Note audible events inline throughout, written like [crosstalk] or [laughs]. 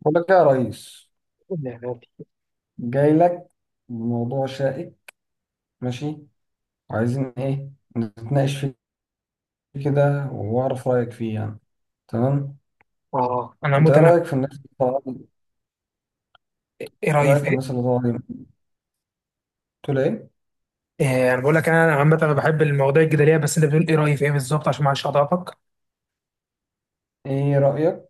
بقول لك يا ريس، النبي. جاي لك بموضوع شائك. ماشي. وعايزين ايه نتناقش فيه كده واعرف رايك فيه يعني. تمام. اه انا انت عامه ايه انا. رايك في الناس اللي طالعه دي؟ ايه إيه رايي رايك في في ايه؟ الناس اللي طالعه دي؟ تقول ايه؟ إيه، انا بقول لك انا عامه انا بحب المواضيع الجدليه، بس انت بتقول ايه رايي في ايه بالظبط عشان ما اعرفش اضعفك. ايه رايك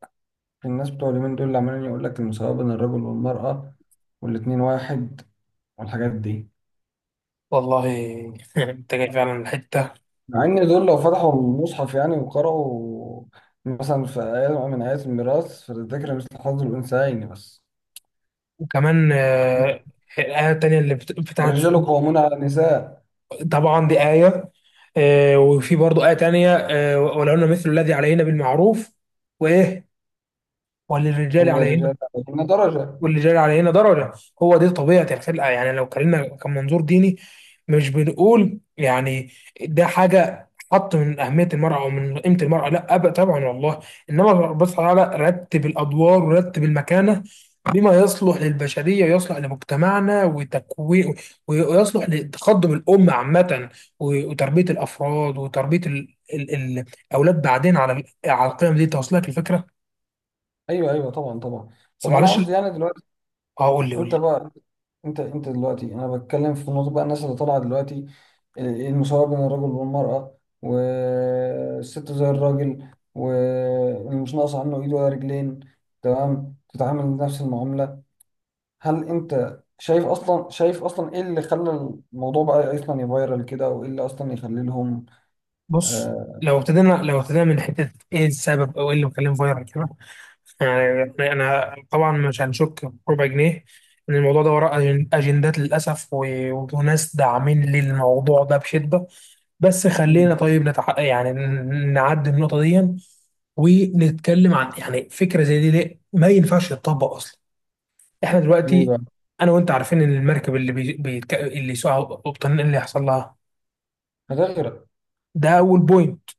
في الناس بتوع اليومين دول اللي عمالين يقول لك المساواه بين الرجل والمراه، والاتنين واحد، والحاجات دي. والله. [laughs] انت جاي فعلا من الحته. مع ان دول لو فتحوا المصحف يعني وقرأوا، مثلا في آية من آيات الميراث: فللذكر مثل حظ الأنثيين. بس وكمان الايه التانيه اللي بتاعت. الرجال قوامون على النساء. طبعا دي ايه. وفي برضه ايه تانيه، ولهن مثل الذي علينا بالمعروف. وايه، وللرجال من علينا. الرجال، إن درجة. واللي جرى علينا درجة. هو دي طبيعة الخلق، يعني لو اتكلمنا كمنظور ديني، مش بنقول يعني ده حاجة حط من أهمية المرأة أو من قيمة المرأة، لا أبدا طبعا والله. إنما ربنا سبحانه وتعالى رتب الأدوار ورتب المكانة بما يصلح للبشرية ويصلح لمجتمعنا وتكوين، ويصلح لتقدم الأمة عامة، وتربية الأفراد وتربية الأولاد بعدين على على القيم دي. توصلك الفكرة؟ أيوه أيوه، طبعا طبعا. بس طب أنا معلش. قصدي يعني دلوقتي، اه، قول لي قول أنت لي. بقى، أنت دلوقتي أنا بتكلم في نقطة بقى، الناس اللي طالعة دلوقتي، المساواة بين الرجل والمرأة، والست زي الراجل ومش ناقص عنه إيد ولا رجلين، تمام، تتعامل نفس المعاملة. هل أنت شايف أصلا، شايف أصلا إيه اللي خلى الموضوع بقى أصلا يفايرال كده، وإيه اللي أصلا يخلي لهم؟ بص، آه لو ابتدينا لو ابتدينا من حته ايه السبب او ايه اللي مخليه فايرال كده، يعني انا طبعا مش هنشك بربع جنيه ان الموضوع ده وراه اجندات للاسف، وناس داعمين للموضوع ده بشده. بس خلينا طيب نعدي النقطه دي ونتكلم عن يعني فكره زي دي ليه ما ينفعش تطبق اصلا. احنا ليه دلوقتي بقى؟ انا وانت عارفين ان المركب اللي سوقها قبطان اللي هيحصل لها. هتغرق. ده اول بوينت.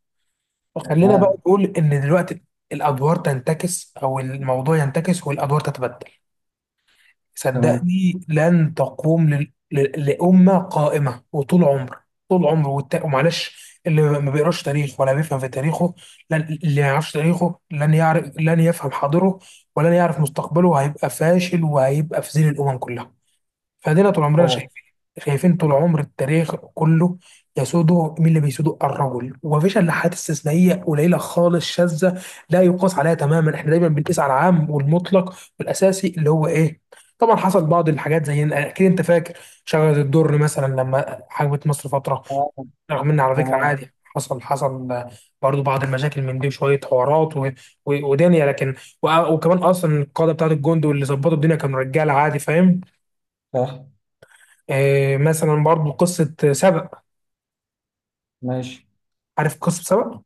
خلينا بقى تمام. نقول ان دلوقتي الادوار تنتكس او الموضوع ينتكس والادوار تتبدل، تمام. صدقني لن تقوم لامه قائمه. وطول عمر طول عمر ومعلش، اللي ما بيقراش تاريخ ولا بيفهم في تاريخه لن... اللي ما يعرفش تاريخه لن يعرف، لن يفهم حاضره، ولن يعرف مستقبله، هيبقى فاشل وهيبقى في ذيل الامم كلها. فادينا طول عمرنا طبعا. شايفين، شايفين طول عمر التاريخ كله يسوده مين؟ اللي بيسوده الرجل، ومفيش الا حالات استثنائيه قليله خالص شاذه لا يقاس عليها تماما. احنا دايما بنقيس على العام والمطلق والاساسي اللي هو ايه. طبعا حصل بعض الحاجات، زي اكيد انت فاكر شجره الدر مثلا لما حجبت مصر فتره، رغم ان على فكره تمام. عادي، حصل حصل برضو بعض المشاكل من دي وشويه حوارات ودنيا، لكن وكمان اصلا القاده بتاعت الجند واللي ظبطوا الدنيا كانوا رجاله. عادي، فاهم. صح. مثلا برضو قصة سبأ. ماشي. عارف قصة سبأ؟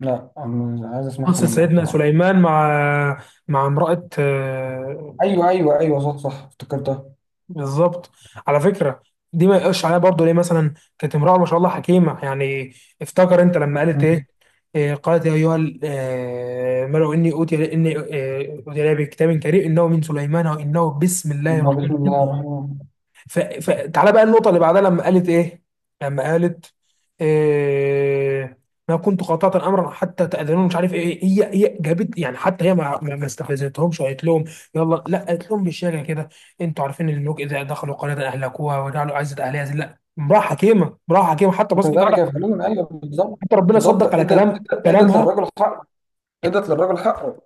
لا، أنا عايز اسمعها قصة منك سيدنا بصراحة. سليمان مع مع امرأة، ايوه ايوه ايوه، صوت صح، افتكرتها. بالظبط. على فكرة دي ما يقش عليها برضو، ليه؟ مثلا كانت امرأة ما شاء الله حكيمة يعني. افتكر انت لما قالت مم. ايه؟ قالت يا ايها الملأ اني اوتي اني اوتي إلي بكتاب كريم انه من سليمان وانه بسم الله بسم الرحمن. الله الرحمن الرحيم. فتعالى بقى النقطة اللي بعدها لما قالت إيه؟ لما قالت إيه... ما كنت قاطعة أمرا حتى تأذنون، مش عارف إيه. هي جابت يعني حتى هي ما استفزتهمش وقالت لهم يلا لا، قالت لهم بالشارع كده: أنتوا عارفين إن الملوك إذا دخلوا قرية أهلكوها وجعلوا عزة أهلها ذلة. لا، امرأة حكيمة، امرأة حكيمة. حتى بس تعالى، وكذلك يفعلون، ايوه بالظبط. حتى ربنا بالظبط، صدق على ادت، ادت كلامها. للرجل حقه، ادت للرجل حقه.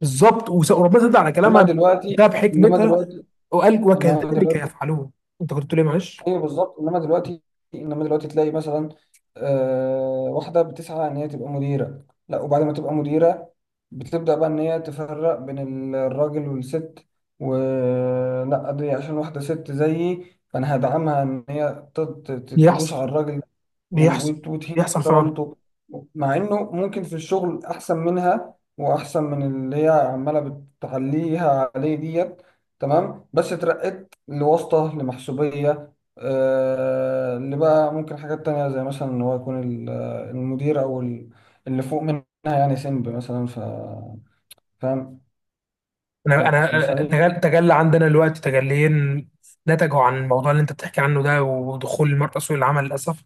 بالظبط، وربنا صدق على انما كلامها دلوقتي، ده انما بحكمتها، دلوقتي، وقال انما وكذلك دلوقتي. يفعلون. أنت كنت بتقول إيه؟ معلش. ايوه بالظبط، انما دلوقتي، انما دلوقتي تلاقي مثلا واحده بتسعى ان هي تبقى مديره، لا وبعد ما تبقى مديره بتبدا بقى ان هي تفرق بين الراجل والست، ولا دي عشان واحده ست زيي فانا هدعمها ان هي تدوس على يحصل، الراجل بيحصل، وتهين بيحصل فعلا. كرامته، مع انه ممكن في الشغل احسن منها واحسن من اللي هي عماله بتعليها عليه ديت. تمام، بس اترقيت لواسطه لمحسوبيه. آه اللي بقى ممكن حاجات تانية، زي مثلا ان هو يكون المدير، او اللي فوق منها يعني، سنب مثلا، فاهم؟ انا ف- ف- انا فهي- تجلى عندنا دلوقتي تجليين نتجوا عن الموضوع اللي انت بتحكي عنه ده. ودخول المرأة سوق العمل للاسف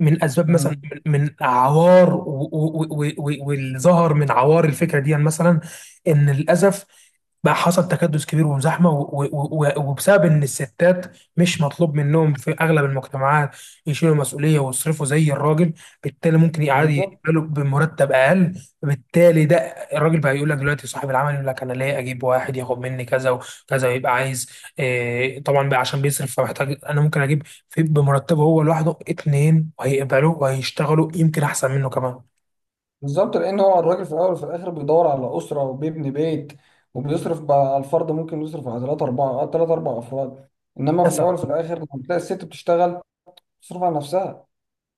من اسباب مثلا، مم، من عوار واللي ظهر من عوار الفكره دي، يعني مثلا ان للاسف بقى حصل تكدس كبير وزحمه، وبسبب ان الستات مش مطلوب منهم في اغلب المجتمعات يشيلوا مسؤوليه ويصرفوا زي الراجل، بالتالي ممكن يقعدوا بالظبط يقبلوا بمرتب اقل. بالتالي ده الراجل بقى يقول لك، دلوقتي صاحب العمل يقول لك انا ليه اجيب واحد ياخد مني كذا وكذا ويبقى عايز إيه طبعا بقى عشان بيصرف، فمحتاج. انا ممكن اجيب في بمرتبه هو لوحده اتنين وهيقبلوا وهيشتغلوا يمكن احسن منه كمان. بالظبط. لان هو الراجل في الاول وفي الاخر بيدور على اسره وبيبني بيت وبيصرف بقى على الفرد، ممكن يصرف على ثلاثة اربعة، ثلاث اربع افراد. انما في الاول وفي الاخر لما بتلاقي الست بتشتغل، بتصرف على نفسها،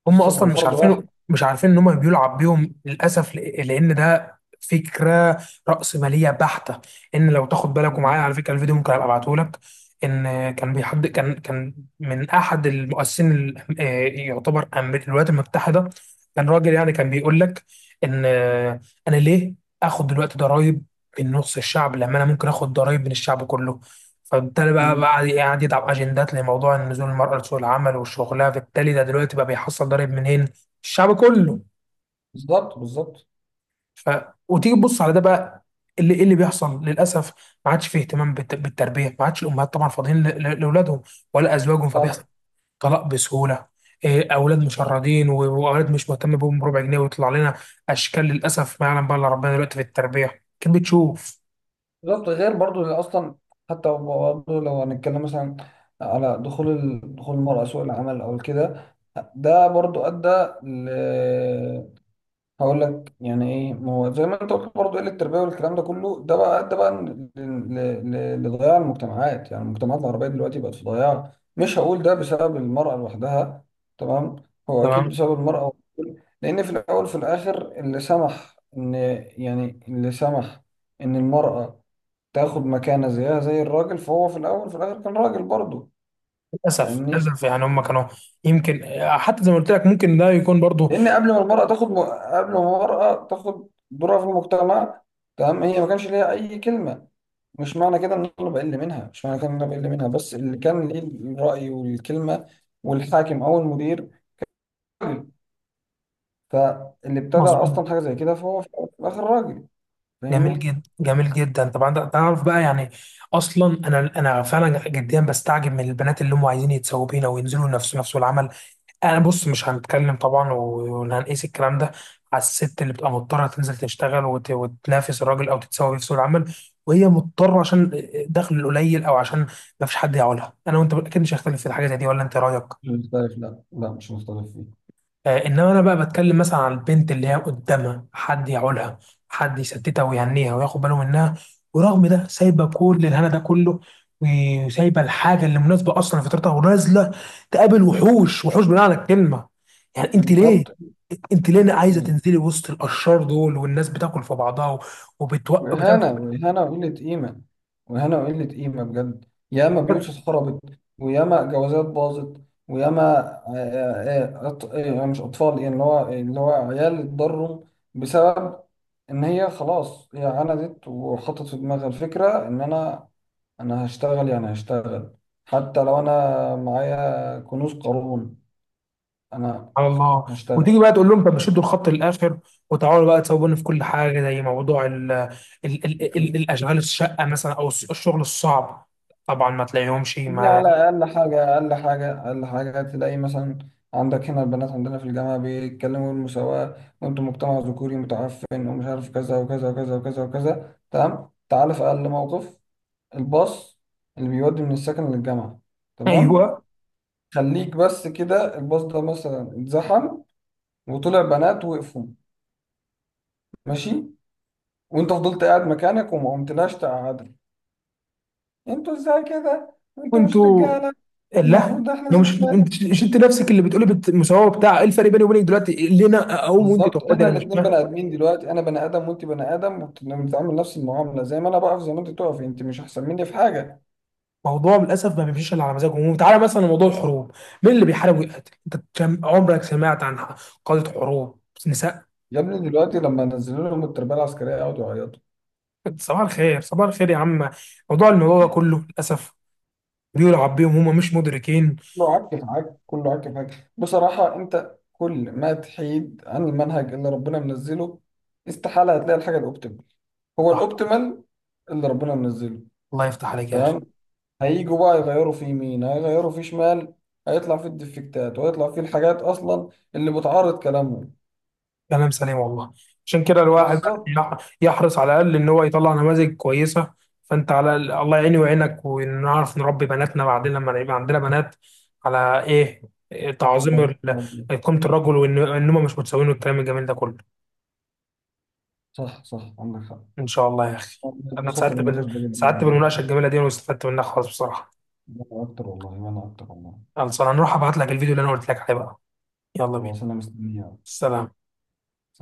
هم بتصرف على اصلا مش فرد واحد. عارفين، مش عارفين ان هم بيلعب بيهم للاسف، لان ده فكره رأسماليه بحته. ان لو تاخد بالك، ومعايا على بالظبط. فكره الفيديو ممكن ابقى ابعته لك، ان كان بيحد كان كان من احد المؤسسين يعتبر الولايات المتحده، كان راجل يعني كان بيقول لك ان انا ليه اخد دلوقتي ضرائب من نص الشعب لما انا ممكن اخد ضرائب من الشعب كله؟ فبالتالي بقى، مم. قاعد يضع اجندات لموضوع نزول المرأة لسوق العمل وشغلها، فبالتالي ده دلوقتي بقى بيحصل ضرب منين؟ الشعب كله. بالظبط بالظبط. ف... وتيجي تبص على ده بقى، اللي إيه اللي بيحصل للاسف. ما عادش فيه اهتمام بالتربيه، ما عادش الامهات طبعا فاضيين لاولادهم ولا ازواجهم، صح. فبيحصل طلاق بسهوله. إيه، اولاد مشردين، و- واولاد مش مهتم بهم بربع جنيه، ويطلع لنا اشكال للاسف ما يعلم بقى الا ربنا. دلوقتي في التربيه كان بتشوف. بالظبط. غير برضو اللي اصلا، حتى برضو لو هنتكلم مثلا على دخول دخول المرأة سوق العمل او كده، ده برضو ادى. هقول لك يعني ايه، ما هو زي ما انت قلت برضه، قله التربيه والكلام ده كله، ده بقى ده بقى لضياع المجتمعات. يعني المجتمعات العربيه دلوقتي بقت في ضياع. مش هقول ده بسبب المراه لوحدها، تمام، هو اكيد بسبب المراه. لان في الاول وفي الاخر اللي سمح ان، يعني اللي سمح ان المراه تاخد مكانه زيها زي الراجل، فهو في الاول وفي الاخر كان راجل برضه، للاسف فاهمني. للاسف، يعني هم كانوا يمكن، حتى زي ما قلت لك ممكن ده يكون برضو. لان قبل ما المراه تاخد قبل ما المراه تاخد دورها في المجتمع، تمام، هي ما كانش ليها اي كلمه. مش معنى كده ان انا بقل منها، مش معنى كده ان انا بقل منها، بس اللي كان ليه الراي والكلمه والحاكم او المدير راجل. فاللي ابتدى مظبوط. اصلا حاجه زي كده فهو في الاخر راجل، جميل فاهمني. جدا جميل جدا طبعا، تعرف بقى يعني اصلا، انا فعلا جديا بستعجب من البنات اللي هم عايزين يتسووا بينا وينزلوا نفس نفسه العمل. انا بص، مش هنتكلم طبعا وهنقيس الكلام ده على الست اللي بتبقى مضطره تنزل تشتغل وتنافس الراجل او تتساوي بيه في سوق العمل، وهي مضطره عشان دخل قليل او عشان ما فيش حد يعولها. انا وانت اكيد مش هختلف في حاجه زي دي، ولا انت إيه رايك؟ مش مختلف، لا، مش مختلف فيه. انما انا بقى بتكلم مثلا عن البنت اللي هي قدامها حد يعولها، حد يسددها ويهنيها وياخد باله منها، ورغم ده سايبه كل الهنا ده كله وسايبه الحاجه اللي مناسبه اصلا لفطرتها ونازله تقابل وحوش، وحوش بمعنى الكلمه. يعني انت ليه، بالظبط. انت ليه عايزه تنزلي وسط الاشرار دول؟ والناس بتاكل في بعضها وبتوقف بتعمل. إهانة وإهانة وقلة قيمة، وإهانة وقلة قيمة بجد. ياما بيوت اتخربت، وياما جوازات باظت، وياما آه، آه، آه، أط... آه، يعني مش أطفال، يعني اللي هو اللي هو عيال اتضروا بسبب إن هي خلاص هي عندت وحطت في دماغها الفكرة إن أنا، أنا هشتغل، يعني هشتغل حتى لو أنا معايا كنوز قارون، أنا سبحان الله. هشتغل. وتيجي بقى تقول لهم، طب شدوا الخط للاخر وتعالوا بقى تسووني في كل حاجه، زي موضوع ال ال ال ال الاشغال الشقه مثلا او الشغل الصعب. طبعا ما تلاقيهمش دي على ما. أقل حاجة، أقل حاجة، أقل حاجة، تلاقي مثلا عندك هنا البنات عندنا في الجامعة بيتكلموا المساواة وأنتم مجتمع ذكوري متعفن ومش عارف كذا وكذا وكذا وكذا وكذا. تمام، تعال في أقل موقف، الباص اللي بيودي من السكن للجامعة، [laughs] تمام، ايوه. خليك بس كده، الباص ده مثلا اتزحم وطلع بنات وقفوا، ماشي، وأنت فضلت قاعد مكانك وما قمتلاش تقعدك، أنتوا إزاي كده؟ أنتوا مش وانتوا، رجالة؟ المفروض لا، ده. إحنا ما مش ستات. انت، مش انت نفسك اللي بتقولي مساواه؟ بتاع ايه الفرق بيني وبينك دلوقتي اللي انا اقوم وانت بالظبط، تقعدي؟ احنا انا مش الاتنين بني فاهم. ادمين دلوقتي، انا بني ادم وانت بني ادم، وبنتعامل نفس المعامله، زي ما انا بقف زي ما انت تقف، انت مش احسن مني في حاجه. موضوع للاسف ما بيمشيش الا على مزاجهم. وتعالى مثلا لموضوع الحروب، مين اللي بيحارب ويقاتل؟ انت عمرك سمعت عن قاده حروب نساء؟ يا ابني دلوقتي لما نزلوا لهم التربيه العسكريه يقعدوا يعيطوا. صباح الخير صباح الخير يا عم. موضوع الموضوع ده كله للاسف بيلعب بيهم، هم مش مدركين. كله عك في عك، كله عك في عك بصراحه. انت كل ما تحيد عن المنهج اللي ربنا منزله، استحاله هتلاقي الحاجه الاوبتيمال. هو صح. الاوبتيمال اللي ربنا منزله. الله يفتح عليك يا اخي. تمام. هيجوا بقى يغيروا في يمين، هيغيروا في شمال، هيطلع في الديفكتات، وهيطلع في الحاجات اصلا اللي بتعارض كلامهم. كلام سليم والله. عشان كده الواحد بس بالظبط. يحرص على الاقل ان هو يطلع نماذج كويسه. فانت على الأقل، الله يعيني ويعينك ونعرف نربي بناتنا بعدين لما يبقى عندنا بنات، على ايه؟ إيه، آه والله، تعظيم آه والله. قيمه الرجل، وان ان هم مش متساويين، والكلام الجميل ده كله. صح صح، عندك حق. ان شاء الله يا اخي. انا بخطة بالنقاش ده جدا سعدت والله. بالمناقشه الجميله دي واستفدت منها خالص بصراحه. أنا أكتر والله، وأنا أكتر والله. خلصان هنروح ابعت لك الفيديو اللي انا قلت لك عليه بقى. يلا بينا. خلاص، أنا مستني. سلام.